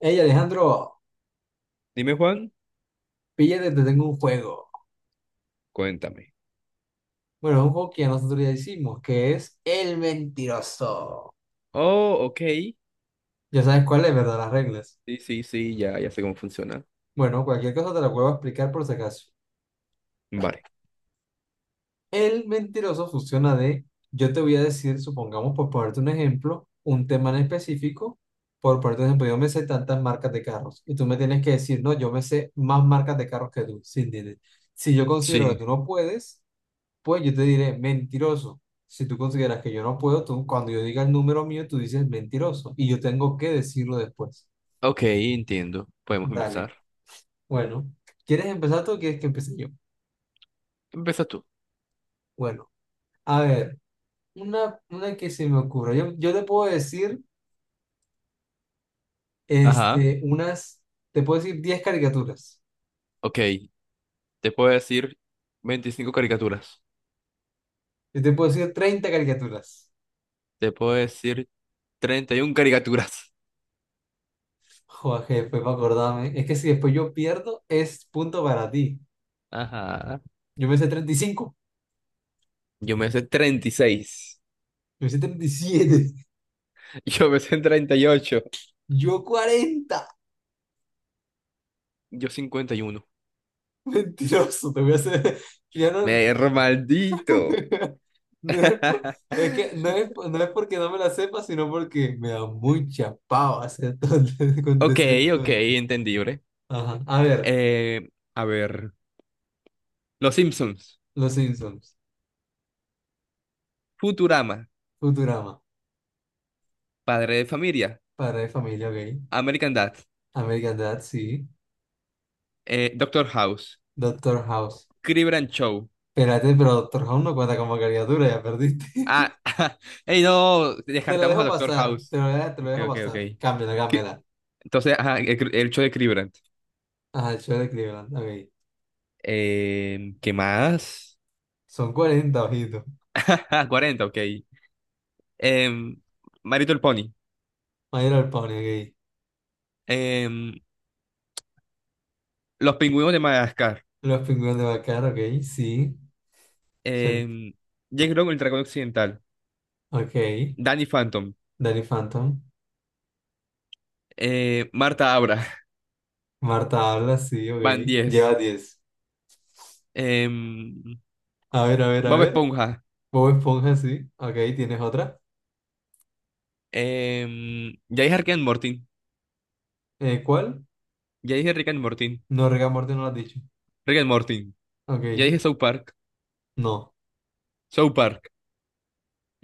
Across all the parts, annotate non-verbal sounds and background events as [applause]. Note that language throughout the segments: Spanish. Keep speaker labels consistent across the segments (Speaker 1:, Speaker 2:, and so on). Speaker 1: Hey Alejandro,
Speaker 2: Dime, Juan,
Speaker 1: píllate, te tengo un juego.
Speaker 2: cuéntame.
Speaker 1: Bueno, es un juego que ya nosotros ya hicimos, que es El Mentiroso.
Speaker 2: Oh, ok.
Speaker 1: Ya sabes cuál es, ¿verdad? Las reglas.
Speaker 2: Sí, sí, sí, ya, ya sé cómo funciona.
Speaker 1: Bueno, cualquier cosa te la vuelvo a explicar por si acaso.
Speaker 2: Vale.
Speaker 1: El Mentiroso funciona de, yo te voy a decir, supongamos, por ponerte un ejemplo, un tema en específico. Por ponerte un ejemplo, yo me sé tantas marcas de carros y tú me tienes que decir, no, yo me sé más marcas de carros que tú, sin dinero. Si yo considero que
Speaker 2: Sí.
Speaker 1: tú no puedes. Pues yo te diré, mentiroso. Si tú consideras que yo no puedo, tú, cuando yo diga el número mío, tú dices mentiroso. Y yo tengo que decirlo después.
Speaker 2: Ok, entiendo. Podemos
Speaker 1: Dale.
Speaker 2: empezar.
Speaker 1: Bueno, ¿quieres empezar tú o quieres que empiece yo?
Speaker 2: Empieza tú.
Speaker 1: Bueno, a ver, una que se me ocurra. Yo te puedo decir,
Speaker 2: Ajá.
Speaker 1: este, unas, te puedo decir 10 caricaturas.
Speaker 2: Ok. Te puedo decir 25 caricaturas.
Speaker 1: Yo te puedo decir 30 caricaturas.
Speaker 2: Te puedo decir 31 caricaturas.
Speaker 1: Joder, jefe, para acordarme. Es que si después yo pierdo, es punto para ti.
Speaker 2: Ajá.
Speaker 1: Yo me sé 35.
Speaker 2: Yo me sé 36.
Speaker 1: Yo me sé 37.
Speaker 2: [laughs] Yo me sé 38.
Speaker 1: Yo 40.
Speaker 2: Yo 51.
Speaker 1: [laughs] Mentiroso, te voy a hacer. [laughs] Ya no,
Speaker 2: Me
Speaker 1: [laughs]
Speaker 2: maldito.
Speaker 1: no es, es que no
Speaker 2: [laughs]
Speaker 1: es, no es porque no me la sepa, sino porque me da mucha pava hacer todo, [laughs] con
Speaker 2: Ok,
Speaker 1: decir todo.
Speaker 2: ok, entendible.
Speaker 1: Ajá. A ver,
Speaker 2: Eh, a ver. Los Simpsons.
Speaker 1: Los Simpsons,
Speaker 2: Futurama,
Speaker 1: Futurama,
Speaker 2: Padre de Familia,
Speaker 1: Padre de Familia Gay,
Speaker 2: American Dad,
Speaker 1: American Dad, sí,
Speaker 2: Doctor House,
Speaker 1: Doctor House.
Speaker 2: Crib and Show.
Speaker 1: Espérate, pero Doctor House no cuenta como caricatura, ya perdiste. [laughs]
Speaker 2: Ah, [laughs] hey, no,
Speaker 1: Te lo
Speaker 2: descartamos a
Speaker 1: dejo
Speaker 2: Doctor
Speaker 1: pasar,
Speaker 2: House.
Speaker 1: te lo
Speaker 2: Ok,
Speaker 1: dejo
Speaker 2: ok, ok.
Speaker 1: pasar. Cámbiala,
Speaker 2: Cri-
Speaker 1: cámbiala.
Speaker 2: Entonces, ajá, el show de Cribrand.
Speaker 1: Ajá, el show de Cleveland, ok.
Speaker 2: ¿Qué más?
Speaker 1: Son 40, ojito.
Speaker 2: [laughs] 40, 40, ok. Em, My Little Pony.
Speaker 1: Mayor al Pony, ok.
Speaker 2: Em, Los Pingüinos de Madagascar.
Speaker 1: Los pingüinos de Bacar, ok, sí. Son,
Speaker 2: Em, Jack Long, el Dragón Occidental.
Speaker 1: ok.
Speaker 2: Danny Phantom.
Speaker 1: Danny Phantom.
Speaker 2: Marta Abra.
Speaker 1: Marta habla, sí, ok.
Speaker 2: [laughs] Van
Speaker 1: Lleva
Speaker 2: 10.
Speaker 1: 10. A ver, a ver, a
Speaker 2: Bob
Speaker 1: ver.
Speaker 2: Esponja.
Speaker 1: Bob Esponja, sí. Ok, ¿tienes otra?
Speaker 2: Ya dije Rick and Morty.
Speaker 1: ¿Cuál?
Speaker 2: Ya dije Rick and Morty.
Speaker 1: No, Rick and Morty no lo has dicho.
Speaker 2: Rick and Morty. Ya
Speaker 1: Ok,
Speaker 2: dije South Park.
Speaker 1: no.
Speaker 2: South Park.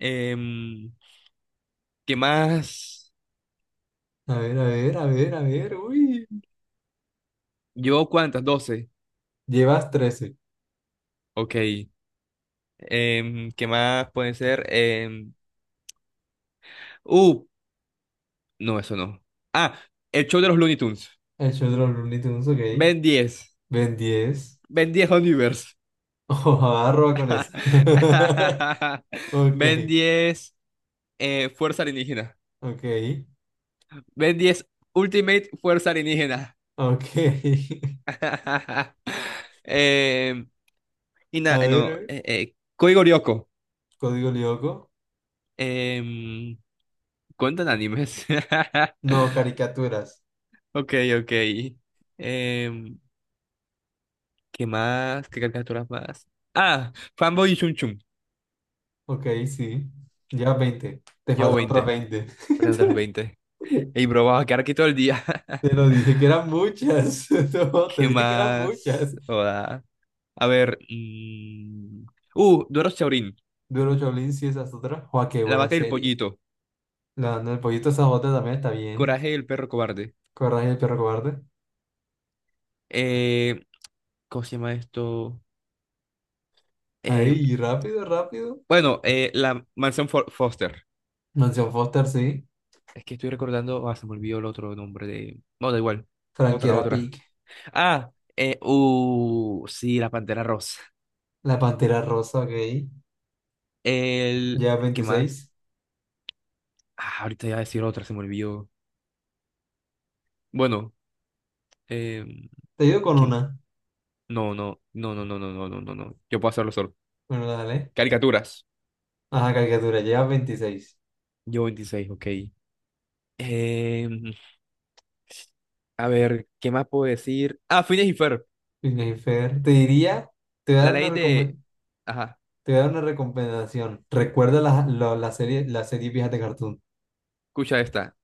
Speaker 2: Em, ¿qué más?
Speaker 1: A ver, a ver, a ver, a ver. Uy.
Speaker 2: ¿Llevo cuántas? 12.
Speaker 1: Llevas 13.
Speaker 2: Ok. ¿Qué más puede ser? Uh, no, eso no. Ah, el show de los Looney Tunes.
Speaker 1: El show de los Looney Tunes, ok.
Speaker 2: Ben 10.
Speaker 1: Ven 10.
Speaker 2: Ben 10 Universe.
Speaker 1: [laughs] Ojo, arroba con esa. [laughs]
Speaker 2: [laughs]
Speaker 1: Ok,
Speaker 2: Ben 10, Fuerza Alienígena.
Speaker 1: ok,
Speaker 2: Ben 10 Ultimate Fuerza Alienígena.
Speaker 1: ok. [laughs]
Speaker 2: [laughs] Em,
Speaker 1: A ver, a ver.
Speaker 2: いな、あの、え、え、恋語旅行。Em,
Speaker 1: Código Lyoko.
Speaker 2: ¿cuentan animes? [laughs]
Speaker 1: No, caricaturas.
Speaker 2: Ok, ok. Em, ¿qué más? ¿Qué caricaturas más? Ah, Fanboy y Chun Chun.
Speaker 1: Ok, sí. Llevas 20. Te
Speaker 2: Llevo
Speaker 1: faltan otras
Speaker 2: 20.
Speaker 1: 20.
Speaker 2: Perdón, otras 20. Ey,
Speaker 1: [laughs]
Speaker 2: bro, vamos a quedar aquí todo el día. [laughs]
Speaker 1: Te lo dije que eran muchas. [laughs] No, te
Speaker 2: ¿Qué
Speaker 1: dije que eran
Speaker 2: más?
Speaker 1: muchas.
Speaker 2: Hola. A ver. Doro Chaurín.
Speaker 1: Duro Shaolin, sí, esa es otra. Joa, qué
Speaker 2: La
Speaker 1: buena
Speaker 2: vaca y el
Speaker 1: serie.
Speaker 2: pollito.
Speaker 1: La del pollito Sajote también está bien.
Speaker 2: Coraje y el perro cobarde.
Speaker 1: Coraje del perro cobarde.
Speaker 2: Eh, ¿cómo se llama esto? Eh,
Speaker 1: Ahí, rápido, rápido.
Speaker 2: bueno, la mansión Foster.
Speaker 1: Mansión Foster, sí.
Speaker 2: Es que estoy recordando, ah, se me olvidó el otro nombre de. No, da igual.
Speaker 1: Frankie
Speaker 2: Otra,
Speaker 1: era
Speaker 2: otra.
Speaker 1: Pig.
Speaker 2: Ah, sí, la Pantera Rosa.
Speaker 1: La Pantera Rosa, ok.
Speaker 2: El.
Speaker 1: Llevas
Speaker 2: ¿Qué
Speaker 1: 26.
Speaker 2: más? Ah, ahorita iba a decir otra, se me olvidó. Bueno, eh,
Speaker 1: Te ayudo con
Speaker 2: que.
Speaker 1: una.
Speaker 2: No, no, no, no, no, no, no, no, no, no. Yo puedo hacerlo solo.
Speaker 1: Bueno, dale.
Speaker 2: Caricaturas.
Speaker 1: Ajá, caricatura. Llevas 26.
Speaker 2: Yo 26, ok. Em, a ver, ¿qué más puedo decir? Ah, Phineas y Ferb.
Speaker 1: Phineas y Fer. Te diría, te voy a
Speaker 2: La
Speaker 1: dar una
Speaker 2: ley de.
Speaker 1: recomendación.
Speaker 2: Ajá,
Speaker 1: Te voy a dar una recomendación. Recuerda la serie vieja de Cartoon.
Speaker 2: escucha esta.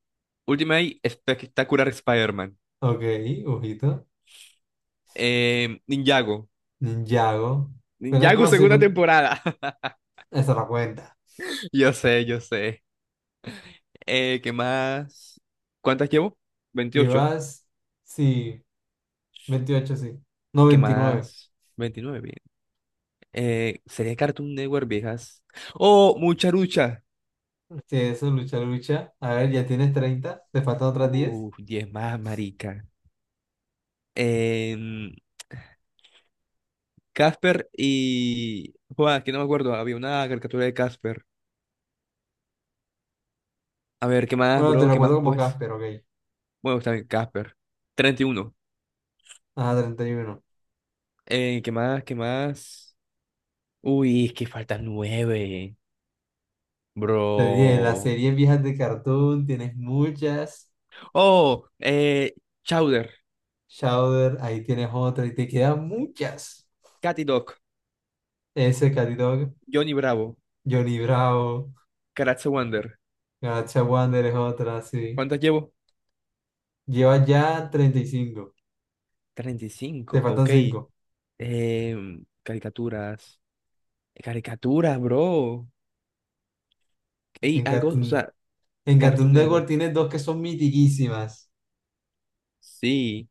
Speaker 2: Ultimate Spectacular Spider-Man.
Speaker 1: Ok, ojito.
Speaker 2: Ninjago.
Speaker 1: Ninjago. Bueno,
Speaker 2: Ninjago,
Speaker 1: bueno, sí,
Speaker 2: segunda
Speaker 1: bueno,
Speaker 2: temporada. [laughs]
Speaker 1: esa la cuenta.
Speaker 2: Yo sé, yo sé. ¿Qué más? ¿Cuántas llevo? 28.
Speaker 1: Llevas, sí, 28, sí. No,
Speaker 2: ¿Qué
Speaker 1: 29.
Speaker 2: más? 29, bien. ¿Sería Cartoon Network, viejas? Oh, mucha lucha.
Speaker 1: Sí, eso, lucha, lucha. A ver, ya tienes 30. Te faltan otras 10.
Speaker 2: 10 más, marica. Em, Casper y. Joder, que no me acuerdo. Había una caricatura de Casper. A ver, ¿qué más,
Speaker 1: Bueno, te
Speaker 2: bro?
Speaker 1: lo
Speaker 2: ¿Qué más,
Speaker 1: cuento como
Speaker 2: pues?
Speaker 1: Casper, ok.
Speaker 2: Bueno, está bien, Casper. 31.
Speaker 1: Ah, 31.
Speaker 2: ¿Qué más? ¿Qué más? Uy, es que faltan 9.
Speaker 1: Te dije, las
Speaker 2: Bro.
Speaker 1: series viejas de Cartoon, tienes muchas.
Speaker 2: Oh, Chowder,
Speaker 1: Chowder, ahí tienes otra y te quedan muchas.
Speaker 2: Catty Dog,
Speaker 1: Ese Cat Dog,
Speaker 2: Johnny Bravo,
Speaker 1: Johnny Bravo.
Speaker 2: Karatse Wonder.
Speaker 1: Galaxia Wander es otra, sí.
Speaker 2: ¿Cuántas llevo?
Speaker 1: Llevas ya 35. Te
Speaker 2: 35,
Speaker 1: faltan
Speaker 2: ok.
Speaker 1: 5.
Speaker 2: Caricaturas. Caricaturas, bro. Ey,
Speaker 1: En
Speaker 2: algo, o
Speaker 1: Cartoon,
Speaker 2: sea,
Speaker 1: en
Speaker 2: Cartoon
Speaker 1: Cartoon Network
Speaker 2: Network.
Speaker 1: tienes dos que son mitiquísimas.
Speaker 2: Sí.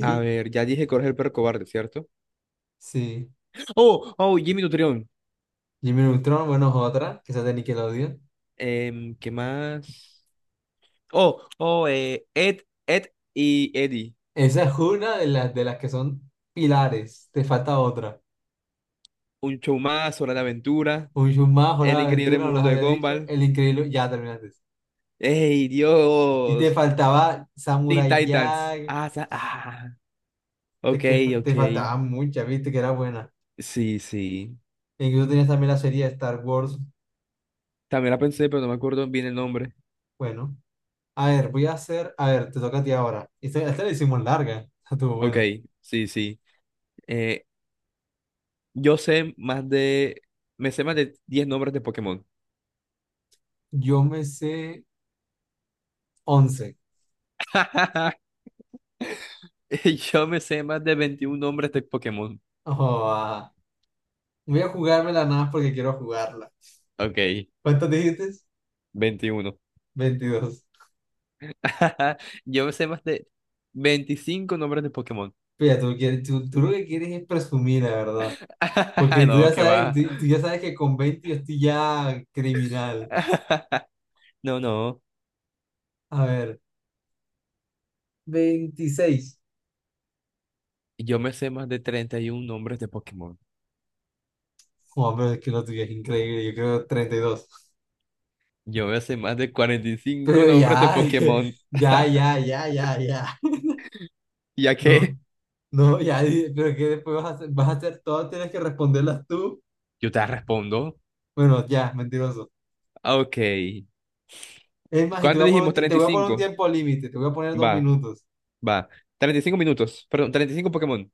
Speaker 2: A ver, ya dije Coraje el perro cobarde, ¿cierto?
Speaker 1: sí.
Speaker 2: Oh, oh, Jimmy Nutrión.
Speaker 1: Jimmy Neutron, bueno, es otra, que esa es de Nickelodeon.
Speaker 2: ¿Qué más? Oh, oh, Ed, Ed y Eddie.
Speaker 1: Esa es una de las que son pilares. Te falta otra.
Speaker 2: Un show más, Hora de Aventura.
Speaker 1: Un show más, Hora
Speaker 2: El
Speaker 1: de
Speaker 2: increíble
Speaker 1: Aventura, no las
Speaker 2: mundo de
Speaker 1: había dicho.
Speaker 2: Gumball.
Speaker 1: El Increíble, ya terminaste.
Speaker 2: ¡Ey,
Speaker 1: Y te
Speaker 2: Dios!
Speaker 1: faltaba
Speaker 2: Teen
Speaker 1: Samurai
Speaker 2: Titans.
Speaker 1: Jack.
Speaker 2: Ah, ah.
Speaker 1: Te,
Speaker 2: Ok,
Speaker 1: que, te
Speaker 2: ok.
Speaker 1: faltaban muchas, viste, que era buena.
Speaker 2: Sí, sí.
Speaker 1: E incluso tenías también la serie de Star Wars.
Speaker 2: También la pensé, pero no me acuerdo bien el nombre.
Speaker 1: Bueno. A ver, voy a hacer. A ver, te toca a ti ahora. Esta la hicimos larga. [laughs] Estuvo
Speaker 2: Ok,
Speaker 1: buena.
Speaker 2: sí, sí. Eh, yo sé más de. Me sé más de 10 nombres de Pokémon.
Speaker 1: Yo me sé 11.
Speaker 2: [laughs] Yo me sé más de 21 nombres de Pokémon.
Speaker 1: Oh, ah. Voy a jugármela nada más porque quiero jugarla.
Speaker 2: Ok,
Speaker 1: ¿Cuántas dijiste?
Speaker 2: 21.
Speaker 1: 22.
Speaker 2: [laughs] Yo me sé más de 25 nombres de Pokémon.
Speaker 1: Mira, tú lo que quieres es presumir, la verdad. Porque
Speaker 2: [laughs]
Speaker 1: tú
Speaker 2: No,
Speaker 1: ya
Speaker 2: que
Speaker 1: sabes,
Speaker 2: va.
Speaker 1: tú, tú ya sabes que con 20 yo estoy ya criminal.
Speaker 2: [laughs] No, no.
Speaker 1: A ver, 26.
Speaker 2: Yo me sé más de 31 nombres de Pokémon.
Speaker 1: Oh, pero es que lo tuyo es increíble. Yo creo 32.
Speaker 2: Yo me sé más de 45
Speaker 1: Pero
Speaker 2: nombres de
Speaker 1: ya, [laughs]
Speaker 2: Pokémon.
Speaker 1: ya,
Speaker 2: [laughs]
Speaker 1: ya, ya, ya, ya.
Speaker 2: ¿Ya que?
Speaker 1: No. No, ya, pero que después vas a hacer, todas, tienes que responderlas tú.
Speaker 2: Yo te respondo.
Speaker 1: Bueno, ya, mentiroso.
Speaker 2: Ok.
Speaker 1: Es más, y
Speaker 2: ¿Cuánto dijimos?
Speaker 1: te
Speaker 2: Treinta y
Speaker 1: voy a poner un
Speaker 2: cinco.
Speaker 1: tiempo límite, te voy a poner dos
Speaker 2: Va,
Speaker 1: minutos.
Speaker 2: va. 35 minutos. Perdón, 35 Pokémon.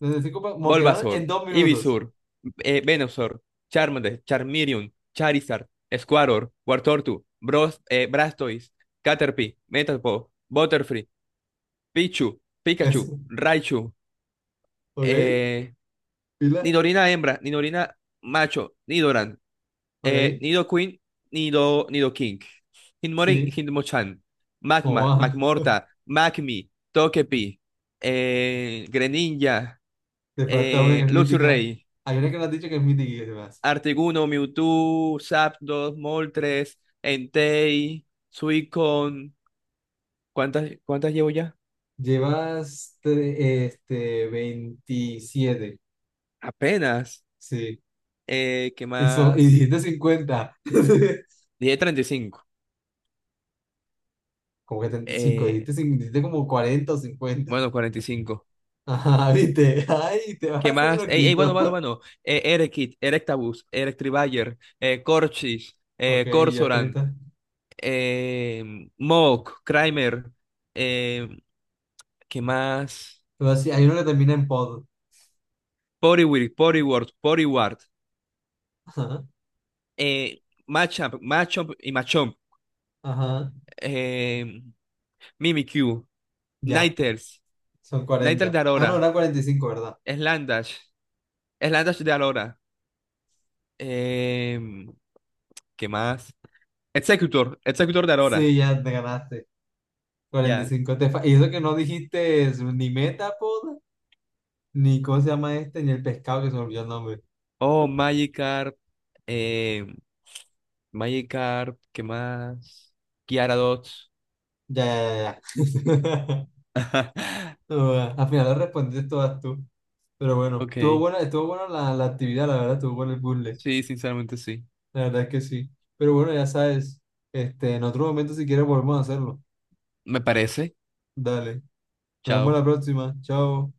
Speaker 1: Entonces, cinco, como quedaron en
Speaker 2: Bulbasaur,
Speaker 1: 2 minutos.
Speaker 2: Ivysaur, Venusaur, Charmander, Charmeleon, Charizard, Squirtle, Wartortu, Bros, Blastoise, Caterpie, Metapod, Butterfree, Pichu, Pikachu,
Speaker 1: Eso,
Speaker 2: Raichu,
Speaker 1: ¿ok?
Speaker 2: eh,
Speaker 1: ¿Pila?
Speaker 2: Nidorina hembra, Nidorina macho, Nidoran,
Speaker 1: ¿Ok?
Speaker 2: Nido Queen, Nido, Nido King, Hinmorin,
Speaker 1: Sí. [laughs]
Speaker 2: Hinmochan, Magmar,
Speaker 1: Joa,
Speaker 2: Magmorta, Magmi, Togepi, Greninja,
Speaker 1: te falta una que es mítica.
Speaker 2: Luxray,
Speaker 1: Hay una que no has dicho que es mítica y que se me hace.
Speaker 2: Artiguno, Mewtwo, Zapdos, Moltres, Entei, Suicon. ¿Cuántas llevo ya?
Speaker 1: Llevas este, 27,
Speaker 2: Apenas.
Speaker 1: sí.
Speaker 2: ¿Qué
Speaker 1: Y,
Speaker 2: más?
Speaker 1: dijiste 50. [laughs]
Speaker 2: Dije 35.
Speaker 1: Como que 35
Speaker 2: Eh,
Speaker 1: dijiste como 40 o 50.
Speaker 2: bueno, 45.
Speaker 1: Ajá, viste. Ay, te vas a
Speaker 2: ¿Qué
Speaker 1: hacer
Speaker 2: más? Ey, ey, bueno,
Speaker 1: loquito.
Speaker 2: bueno,
Speaker 1: [laughs]
Speaker 2: bueno. Erekit, Erectabuzz, Electribuyer, Corchis,
Speaker 1: Ok, y ya
Speaker 2: Corsoran,
Speaker 1: 30.
Speaker 2: Mawk, Kramer, eh, ¿qué más?
Speaker 1: Luego sí, hay uno que termina en pod.
Speaker 2: Poriwhirl, Poriworth, Poriwart,
Speaker 1: Ajá,
Speaker 2: Machamp, Machamp y Machamp,
Speaker 1: ajá.
Speaker 2: eh, Mimikyu,
Speaker 1: Ya,
Speaker 2: Ninetales,
Speaker 1: son
Speaker 2: Ninetales
Speaker 1: 40.
Speaker 2: de
Speaker 1: Ah, no,
Speaker 2: Aurora,
Speaker 1: era 45, ¿verdad?
Speaker 2: Slandash, Slandash de Aurora, eh, ¿qué más? Executor, Executor de
Speaker 1: Sí,
Speaker 2: Aurora,
Speaker 1: ya te ganaste. cuarenta y
Speaker 2: ya.
Speaker 1: cinco Y eso que no dijiste es ni Metapod, ni cómo se llama este, ni el pescado que se me olvidó el nombre.
Speaker 2: Oh, Magikarp, eh, Magikarp, ¿qué más? Gyarados.
Speaker 1: Ya, ya, ya, ya.
Speaker 2: [laughs]
Speaker 1: [laughs] No, bueno, al final lo respondiste todas tú. Pero bueno,
Speaker 2: Ok,
Speaker 1: estuvo buena la actividad, la verdad, estuvo bueno el puzzle.
Speaker 2: sí, sinceramente sí.
Speaker 1: La verdad es que sí. Pero bueno, ya sabes, este, en otro momento si quieres volvemos a hacerlo.
Speaker 2: Me parece.
Speaker 1: Dale. Nos vemos
Speaker 2: Chao.
Speaker 1: la próxima. Chao.